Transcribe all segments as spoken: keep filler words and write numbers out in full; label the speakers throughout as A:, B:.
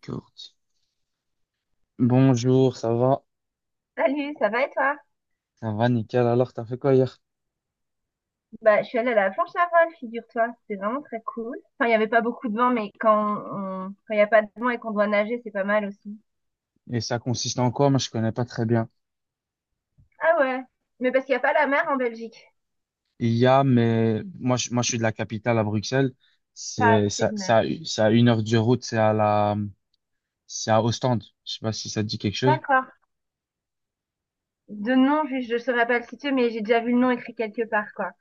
A: Corti. Bonjour, ça va?
B: Salut, ça va et toi?
A: Ça va, nickel. Alors, t'as fait quoi hier?
B: Bah, je suis allée à la planche à voile, figure-toi. C'était vraiment très cool. Enfin, il n'y avait pas beaucoup de vent, mais quand on... quand il n'y a pas de vent et qu'on doit nager, c'est pas mal aussi.
A: Et ça consiste en quoi? Moi, je connais pas très bien.
B: Ah ouais, mais parce qu'il n'y a pas la mer en Belgique.
A: Il y a, mais moi, je, moi, je suis de la capitale à Bruxelles.
B: Pas
A: C'est,
B: assez
A: ça,
B: de mer.
A: ça, ça a une heure de route. C'est à la, c'est à Ostende. Je sais pas si ça te dit quelque chose.
B: D'accord. De nom, je je saurais pas le situer, mais j'ai déjà vu le nom écrit quelque part, quoi.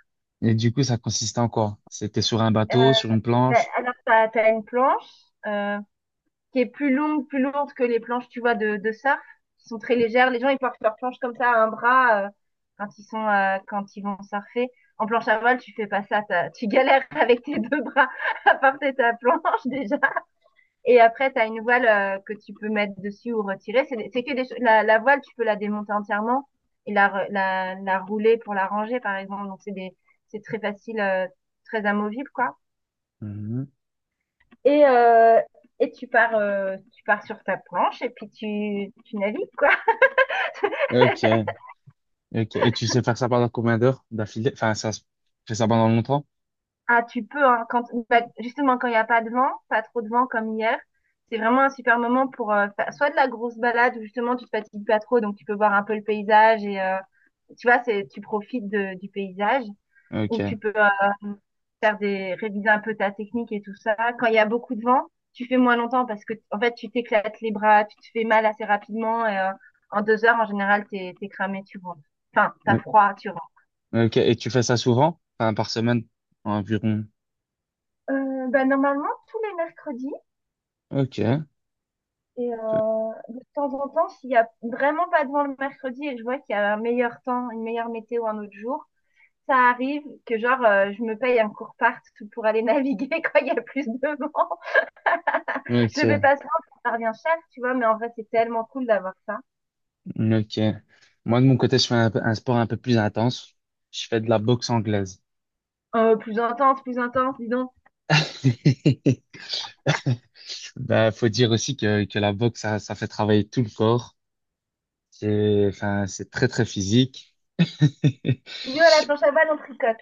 A: Et du coup, ça consiste en quoi? C'était sur un
B: Euh,
A: bateau, sur une
B: bah,
A: planche.
B: alors, t'as, t'as une planche, euh, qui est plus longue, plus lourde que les planches, tu vois, de, de surf, qui sont très légères. Les gens, ils portent leurs planches comme ça à un bras euh, quand ils sont euh, quand ils vont surfer. En planche à voile, tu fais pas ça, t'as- tu galères avec tes deux bras à porter ta planche déjà. Et après, tu as une voile euh, que tu peux mettre dessus ou retirer. C'est c'est que des la, la voile, tu peux la démonter entièrement et la, la, la rouler pour la ranger, par exemple. Donc, c'est des, c'est très facile, euh, très amovible, quoi.
A: Mhm.
B: Et, euh, et tu pars, euh, tu pars sur ta planche et puis tu, tu navigues, quoi.
A: Ok, ok. Et tu sais faire ça pendant combien d'heures d'affilée? Enfin, ça, se- tu fais ça pendant longtemps?
B: Ah, tu peux, hein, quand, bah, justement, quand il n'y a pas de vent, pas trop de vent comme hier, c'est vraiment un super moment pour euh, faire soit de la grosse balade où justement tu te fatigues pas trop, donc tu peux voir un peu le paysage et euh, tu vois, c'est, tu profites de- du paysage. Où
A: Ok,
B: tu peux euh, faire des, réviser un peu ta technique et tout ça. Quand il y a beaucoup de vent, tu fais moins longtemps parce que, en fait, tu t'éclates les bras, tu te fais mal assez rapidement et euh, en deux heures, en général, t'es, t'es cramé, tu rentres. Enfin, t'as froid, tu rentres.
A: ok. Et tu fais ça souvent? Enfin, par semaine, environ.
B: Euh, bah, normalement, tous les mercredis.
A: Ok.
B: Et
A: Toi.
B: euh, de temps en temps, s'il y a vraiment pas de vent le mercredi et que je vois qu'il y a un meilleur temps, une meilleure météo un autre jour, ça arrive que genre euh, je me paye un court part pour aller naviguer quand il y a plus de vent. Je le fais
A: Ok,
B: pas souvent, ça revient cher, tu vois, mais en vrai, c'est tellement cool d'avoir ça.
A: ok. Moi, de mon côté, je fais un, peu- un sport un peu plus intense. Je fais de la boxe anglaise.
B: Euh, plus intense, plus intense, dis donc.
A: Bah, faut dire aussi que, que la boxe, ça, ça fait travailler tout le corps. C'est, enfin, c'est très, très physique.
B: Nous, à la planche à balle, on tricote.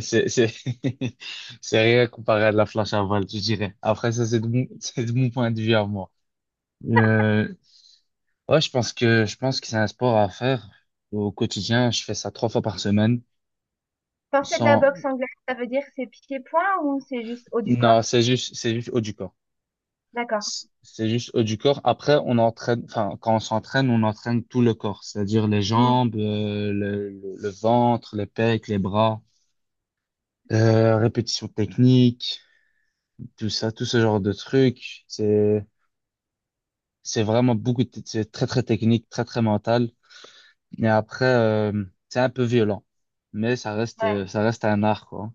A: C'est, c'est, c'est rien comparé à de la planche à voile, je dirais. Après, ça, c'est de mon, c'est de mon point de vue à moi. Euh, ouais, je pense que, je pense que c'est un sport à faire au quotidien. Je fais ça trois fois par semaine.
B: Quand c'est de la
A: Sans,
B: boxe anglaise, ça veut dire que c'est pieds-poings ou c'est juste haut du corps?
A: non, c'est juste, c'est juste haut du corps.
B: D'accord.
A: c- C'est juste haut du corps. Après, on entraîne, enfin, quand on s'entraîne, on entraîne tout le corps, c'est-à-dire les
B: Hmm,
A: jambes, euh, le, le- le ventre, les pecs, les bras, euh, répétition technique, tout ça, tout ce genre de trucs. C'est, c'est vraiment beaucoup, de- c'est très, très technique, très, très mental. Mais après, euh, c'est un peu violent. Mais ça reste, euh,
B: ouais.
A: ça reste un art, quoi.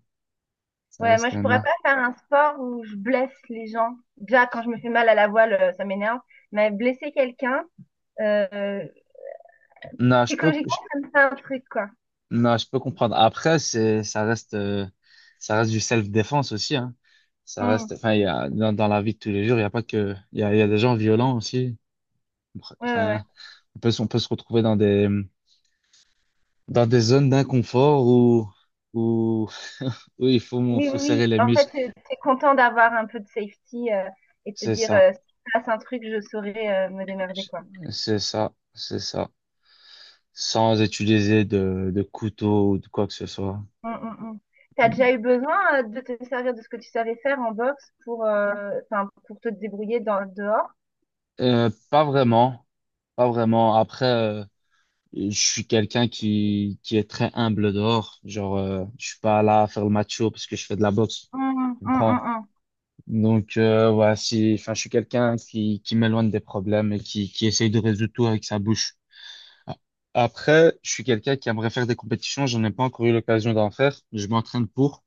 A: Ça
B: Ouais, moi,
A: reste
B: je
A: un
B: pourrais
A: art.
B: pas faire un sport où je blesse les gens. Déjà, quand je me fais mal à la voile, euh, ça m'énerve. Mais blesser quelqu'un, euh,
A: Non, je peux.
B: psychologiquement, ça me fait un truc, quoi.
A: Non, je peux comprendre. Après, c'est, ça reste, euh, ça reste du self-défense aussi, hein. Ça reste,
B: Hmm.
A: enfin, il y a, dans, dans la vie de tous les jours, il y a pas que, il y a, il y a des gens violents aussi.
B: Ouais, ouais, ouais.
A: Enfin, on peut, se- on peut se retrouver dans des, dans des zones d'inconfort où, où, où il faut,
B: Oui,
A: faut
B: oui, oui.
A: serrer les
B: En fait,
A: muscles.
B: tu es content d'avoir un peu de safety euh, et de te
A: C'est
B: dire,
A: ça.
B: euh, si passe un truc, je saurais euh, me démerder, quoi.
A: C'est ça. C'est ça. Sans utiliser de, de couteau ou de quoi que ce soit.
B: Tu as déjà eu besoin euh, de te servir de ce que tu savais faire en boxe pour, euh, enfin, pour te débrouiller dans, dehors?
A: Euh, pas vraiment. Pas vraiment. Après, euh, je suis quelqu'un qui, qui est très humble dehors. Genre, euh, je suis pas là à faire le macho parce que je fais de la boxe.
B: Mm,
A: Tu
B: mm, mm,
A: comprends?
B: mm.
A: Donc, euh, ouais, si, enfin, je suis quelqu'un qui, qui m'éloigne des problèmes et qui, qui essaye de résoudre tout avec sa bouche. Après, je suis quelqu'un qui aimerait faire des compétitions. J'en ai pas encore eu l'occasion d'en faire. Je m'entraîne pour.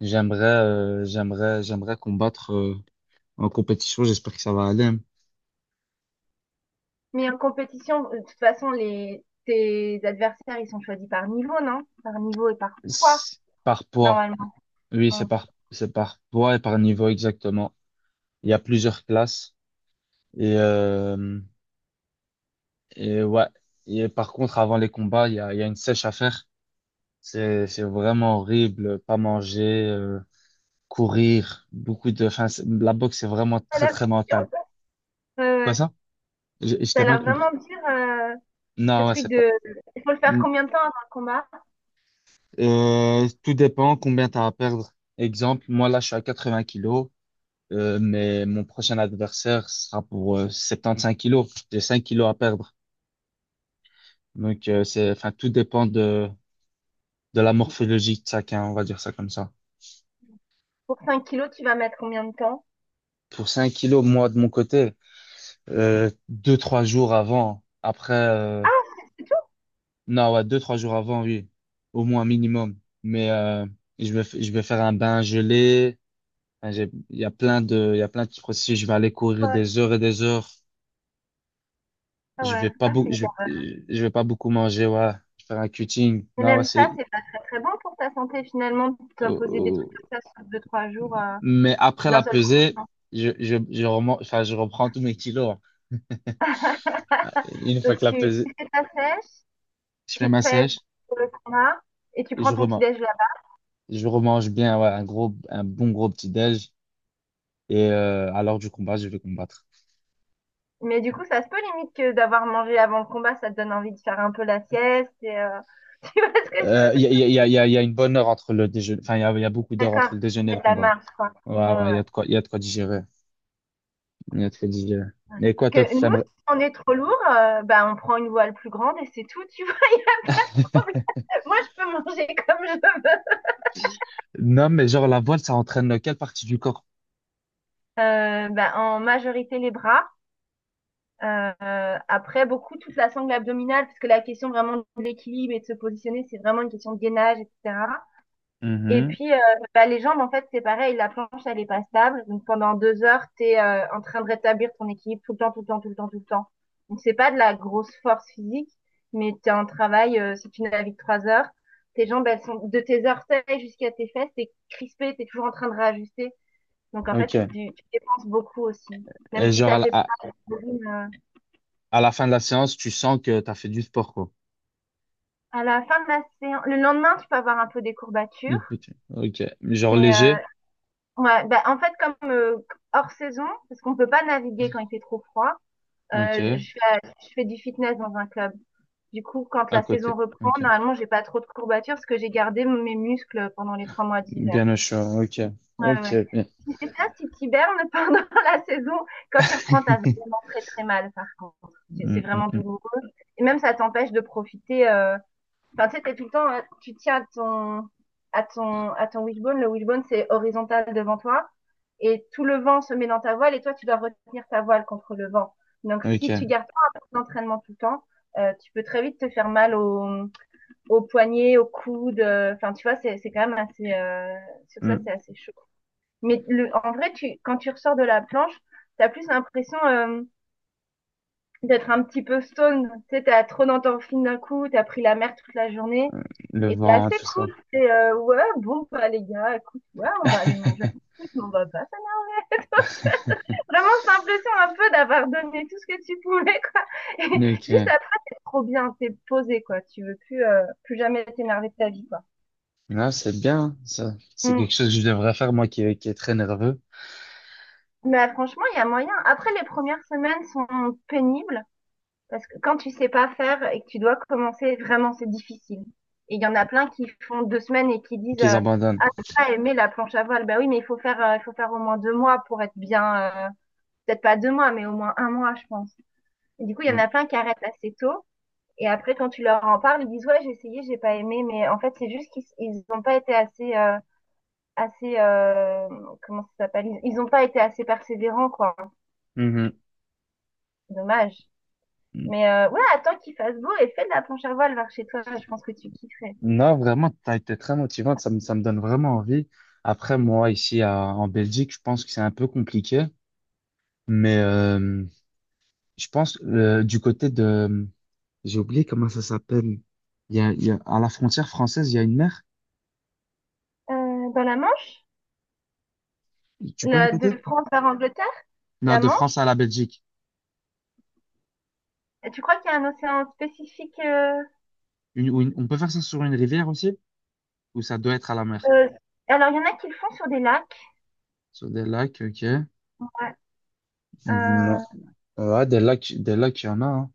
A: J'aimerais, euh, j'aimerais, j'aimerais combattre, euh, en compétition. J'espère que ça va aller, hein.
B: Mais en compétition, euh, de toute façon, les, tes adversaires, ils sont choisis par niveau, non? Par niveau et par poids,
A: C'est Par poids.
B: normalement.
A: Oui, c'est
B: Mm.
A: par, c'est par poids et par niveau exactement. Il y a plusieurs classes. Et, euh, et ouais. Et par contre, avant les combats, il y a, il y a une sèche à faire. C'est, c'est vraiment horrible. Pas manger, euh, courir, beaucoup de. Enfin, c'est- la boxe, c'est vraiment
B: Ça a
A: très,
B: l'air
A: très mental.
B: ouais,
A: Quoi
B: ouais.
A: ça? J'ai-
B: Ça a
A: J'étais
B: l'air
A: mal compris.
B: vraiment dur, euh, ce
A: Non, ouais,
B: truc
A: c'est pas.
B: de... Il faut le faire combien de temps avant le combat?
A: Euh, tout dépend combien tu as à perdre. Exemple, moi là, je suis à 80 kilos, euh, mais mon prochain adversaire sera pour euh, 75 kilos. J'ai cinq kilos à perdre. Donc, euh, c'est, enfin, tout dépend de, de la morphologie de chacun, on va dire ça comme ça.
B: Pour cinq kilos, tu vas mettre combien de temps?
A: Pour cinq kilos, moi, de mon côté, euh, deux trois jours avant, après, euh,
B: Ah, c'est c'est tout?
A: non, ouais, deux trois jours avant, oui, au moins minimum. Mais euh, je vais, f- je vais faire un bain gelé. Enfin, j'ai- Il y a plein de, il y a plein de, petits processus. Je vais aller courir
B: Ouais.
A: des heures et des heures.
B: Ah
A: Je
B: ouais.
A: vais pas
B: Ah, c'est
A: beaucoup, je vais,
B: bien.
A: euh, je vais pas beaucoup manger, ouais. Je vais faire un cutting.
B: Et
A: Non, ouais,
B: même ça,
A: c'est,
B: c'est pas très très bon pour ta santé finalement, de
A: oh,
B: t'imposer des trucs
A: oh.
B: comme ça sur deux trois jours euh,
A: Mais après
B: d'un
A: la
B: seul coup,
A: pesée,
B: hein.
A: je, je, je remonte, enfin, je reprends tous mes kilos. Une fois
B: Donc
A: que la
B: tu,
A: pesée,
B: tu fais ta sèche,
A: je fais
B: tu te
A: ma
B: pèses
A: sèche
B: pour le combat et tu
A: et
B: prends
A: je
B: ton petit
A: remonte.
B: déj là.
A: Je remange bien, ouais, un gros, un bon gros petit-déj. Et euh, à l'heure du combat, je vais combattre.
B: Mais du coup, ça se peut limite que d'avoir mangé avant le combat, ça te donne envie de faire un peu la sieste et euh, tu vois ce que
A: Euh,
B: je
A: Il
B: veux
A: y a,
B: dire?
A: il y a, il y a, il y a une bonne heure entre le déjeuner. Enfin, il y a, il y a beaucoup d'heures entre
B: D'accord,
A: le
B: il
A: déjeuner et
B: y
A: le
B: a de la
A: combat.
B: marche quoi.
A: Ouais,
B: Ouais,
A: ouais, il y
B: ouais.
A: a de quoi, il y a de quoi digérer. Il y a de quoi digérer. Mais quoi, toi,
B: Que
A: tu
B: nous,
A: t'aimerais...
B: si on est trop lourd, euh, bah, on prend une voile plus grande et c'est tout, tu vois. Le problème. Moi, je peux manger comme je veux.
A: Non, mais genre, la voile, ça entraîne quelle partie du corps?
B: Euh, bah, en majorité, les bras. Euh, après, beaucoup toute la sangle abdominale, parce que la question vraiment de l'équilibre et de se positionner, c'est vraiment une question de gainage, et cetera. Et
A: Mhm.
B: puis, euh, bah, les jambes, en fait, c'est pareil, la planche, elle est pas stable. Donc, pendant deux heures, tu es en train de rétablir ton équilibre tout le temps, tout le temps, tout le temps, tout le temps. Donc, c'est pas de la grosse force physique, mais tu es en travail, euh, si tu navigues trois heures, tes jambes, elles sont de tes orteils jusqu'à tes fesses, t'es crispé, t'es toujours en train de réajuster. Donc, en fait, tu,
A: Ok.
B: dé- tu dépenses beaucoup aussi, même
A: Et
B: si
A: genre, à
B: ça
A: la,
B: fait
A: à,
B: pas de volume, euh.
A: à la fin de la séance, tu sens que t'as fait du sport, quoi.
B: À la fin de la séance, le lendemain, tu peux avoir un peu des courbatures,
A: Ok. Ok. Genre
B: mais euh,
A: léger?
B: ouais, bah, en fait, comme euh, hors saison, parce qu'on peut pas naviguer quand il fait trop froid, euh, je,
A: Ok.
B: je fais, je fais du fitness dans un club. Du coup, quand
A: À
B: la
A: côté.
B: saison reprend,
A: Ok.
B: normalement, j'ai pas trop de courbatures parce que j'ai gardé mes muscles pendant les trois mois d'hiver.
A: Bien au chaud. Ok.
B: Ouais,
A: Ok.
B: ouais.
A: Bien.
B: Si c'est ça, si t'hibernes pendant la saison, quand tu reprends, t'as vraiment très très mal, par contre. C'est c'est
A: Mm, mm,
B: vraiment
A: mm.
B: douloureux. Et même, ça t'empêche de profiter, euh, enfin, tu sais, t'es tout le temps, hein, tu tiens à ton, à ton, à ton wishbone. Le wishbone, c'est horizontal devant toi. Et tout le vent se met dans ta voile et toi, tu dois retenir ta voile contre le vent. Donc, si tu
A: Ok.
B: gardes pas un peu d'entraînement tout le temps, euh, tu peux très vite te faire mal au, au poignet, au coude. Euh, enfin, tu vois, c'est, c'est quand même assez, euh, sur ça,
A: Mm.
B: c'est assez chaud. Mais le, en vrai, tu, quand tu ressors de la planche, t'as plus l'impression, euh, d'être un petit peu stone. Tu sais, t'as trop dans ton film d'un coup, t'as pris la mer toute la journée.
A: Le
B: Et t'es
A: vent, hein,
B: assez
A: tout
B: cool.
A: ça.
B: C'est euh, ouais, bon, bah les gars, écoute, ouais, on va aller manger un truc, mais on va pas s'amuser. Vraiment, cette impression un peu d'avoir donné tout ce que tu pouvais, quoi. Et juste
A: Ok.
B: après, t'es trop bien, t'es posé, quoi. Tu veux plus, euh, plus jamais t'énerver de ta vie, quoi.
A: Non, c'est bien, hein, ça. C'est
B: Mm.
A: quelque chose que je devrais faire, moi, qui, qui est très nerveux,
B: Mais euh, franchement, il y a moyen. Après, les premières semaines sont pénibles. Parce que quand tu sais pas faire et que tu dois commencer, vraiment, c'est difficile. Et il y en a plein qui font deux semaines et qui
A: et
B: disent
A: qu'ils
B: euh,
A: abandonnent.
B: ah, j'ai pas aimé la planche à voile. Ben oui, mais il faut faire, euh, il faut faire au moins deux mois pour être bien. Euh, peut-être pas deux mois, mais au moins un mois, je pense. Et du coup, il y en
A: Mm.
B: a plein qui arrêtent assez tôt. Et après, quand tu leur en parles, ils disent ouais, j'ai essayé, j'ai pas aimé. Mais en fait, c'est juste qu'ils ils ont pas été assez, euh, assez euh, comment ça s'appelle, ils ils ont pas été assez persévérants quoi,
A: Mhm.
B: dommage.
A: Mm.
B: Mais euh, ouais, attends qu'il fasse beau et fais de la planche à voile vers chez toi. Je pense que tu kifferais.
A: Non, vraiment, t'as été très motivante. Ça me, ça me donne vraiment envie. Après, moi, ici, à- en Belgique, je pense que c'est un peu compliqué. Mais euh, je pense, euh, du côté de... J'ai oublié comment ça s'appelle. Il y a, il y a, à la frontière française, il y a une mer.
B: Euh, dans la Manche,
A: Tu peux
B: la- de
A: répéter?
B: France vers Angleterre,
A: Non,
B: la
A: de France
B: Manche,
A: à la Belgique.
B: tu crois qu'il y a un océan spécifique euh,
A: Une, ou une- on peut faire ça sur une rivière aussi? Ou ça doit être à la mer?
B: euh, alors, il y en a qui le font sur des lacs.
A: Sur des lacs, ok.
B: Ouais.
A: Non.
B: Euh,
A: Ouais, des lacs, des lacs, il y en a, hein.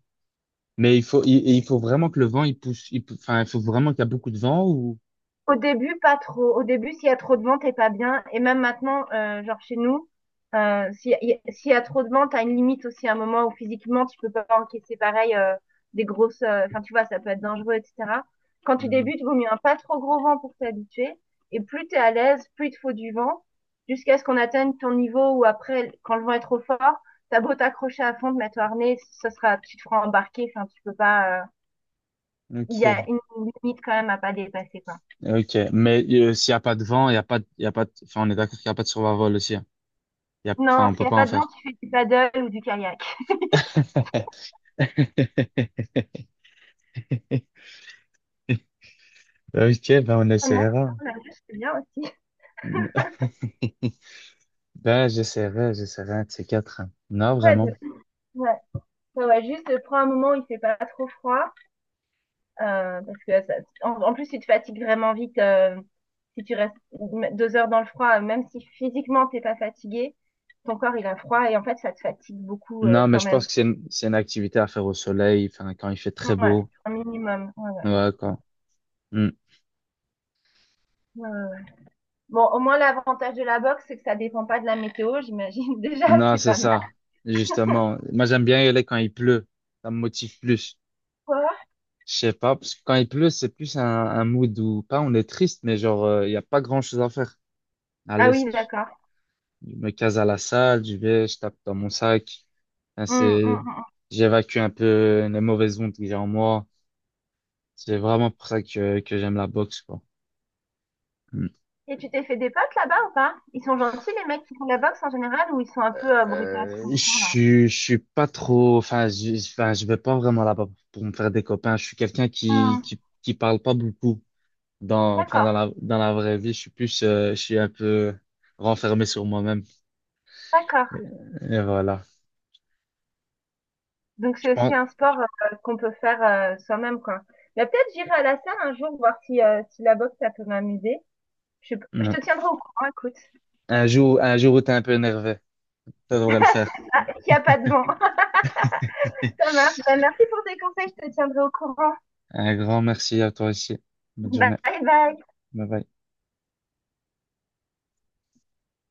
A: Mais il faut, il, il faut vraiment que le vent, il pousse, il pou- enfin, il faut vraiment qu'il y a beaucoup de vent ou.
B: au début, pas trop. Au début, s'il y a trop de ventes, t'es pas bien. Et même maintenant, euh, genre chez nous, euh, s'il y, a- s'il y a trop de ventes, t'as une limite aussi à un moment où physiquement, tu peux pas encaisser pareil euh, des grosses... Euh, enfin, tu vois, ça peut être dangereux, et cetera. Quand tu
A: Hmm.
B: débutes, vaut mieux un pas trop gros vent pour t'habituer. Et plus t'es à l'aise, plus il te faut du vent, jusqu'à ce qu'on atteigne ton niveau où après, quand le vent est trop fort, t'as beau t'accrocher à fond, te mettre au harnais, ça sera, tu te feras embarquer. Enfin, tu peux pas... euh, il y a
A: Ok,
B: une limite quand même à pas dépasser, quoi.
A: ok. Mais euh, s'il n'y a pas de vent, il y a pas, de- il y a pas, de- enfin, on est d'accord qu'il n'y a pas de survol aussi, hein. Il y a, enfin,
B: Non,
A: on
B: s'il
A: peut
B: n'y a
A: pas
B: pas
A: en
B: de vent,
A: faire.
B: tu fais du paddle ou du kayak.
A: Ok, ben on
B: Ah non, non,
A: essaiera.
B: la nage, c'est bien aussi.
A: Ben j'essaierai, j'essaierai un de ces quatre, hein. Non,
B: Paddle.
A: vraiment.
B: Ouais. Ouais, ouais, juste euh, prends un moment où il fait pas trop froid, euh, parce que ça- en, en plus tu te fatigues vraiment vite euh, si tu restes m- deux heures dans le froid, euh, même si physiquement t'es pas fatigué, ton corps il a froid et en fait ça te fatigue beaucoup euh,
A: Non, mais
B: quand
A: je
B: même.
A: pense que c'est une, c'est une activité à faire au soleil, enfin, quand il fait très
B: Ouais,
A: beau.
B: un minimum. Ouais,
A: Ouais, quoi. Mm.
B: ouais, ouais, ouais. Bon, au moins l'avantage de la boxe c'est que ça dépend pas de la météo, j'imagine. Déjà
A: Non,
B: c'est
A: c'est
B: pas mal.
A: ça. Justement, moi j'aime bien y aller quand il pleut. Ça me motive plus.
B: Quoi?
A: Je sais pas, parce que quand il pleut, c'est plus un, un mood où, pas on est triste, mais genre, euh, il y a pas grand-chose à faire. À
B: Ah
A: l'aise,
B: oui, d'accord.
A: je me case à la salle, je vais, je tape dans mon sac. Enfin,
B: Hum,
A: c'est,
B: hum, hum.
A: j'évacue un peu les mauvaises ondes que j'ai en moi. C'est vraiment pour ça que, que j'aime la boxe, quoi.
B: Et tu t'es fait des potes là-bas ou pas? Ils sont gentils les mecs qui font de la boxe en général ou ils sont un peu euh, brutasses
A: Euh,
B: comme
A: je,
B: ça là?
A: suis- je suis pas trop, enfin, je, enfin, je vais pas vraiment là-bas pour me faire des copains. Je suis quelqu'un qui,
B: Hmm,
A: qui, qui parle pas beaucoup dans, enfin, dans
B: d'accord,
A: la, dans la vraie vie. Je suis plus, euh, je suis un peu renfermé sur moi-même.
B: d'accord.
A: Et, et voilà.
B: Donc
A: Je
B: c'est aussi
A: pense,
B: un sport euh, qu'on peut faire euh, soi-même quoi. Mais peut-être j'irai à la salle un jour voir si, euh, si la boxe ça peut m'amuser. Je sais pas, je
A: non.
B: te tiendrai au courant, écoute.
A: Un jour, un jour où t'es un peu énervé, ça devrait le faire.
B: C'est ça, il n'y a pas de vent. Ça marche. Bah, merci pour tes conseils, je te tiendrai au courant.
A: Un grand merci à toi aussi. Bonne
B: Bye
A: journée.
B: bye.
A: Bye bye.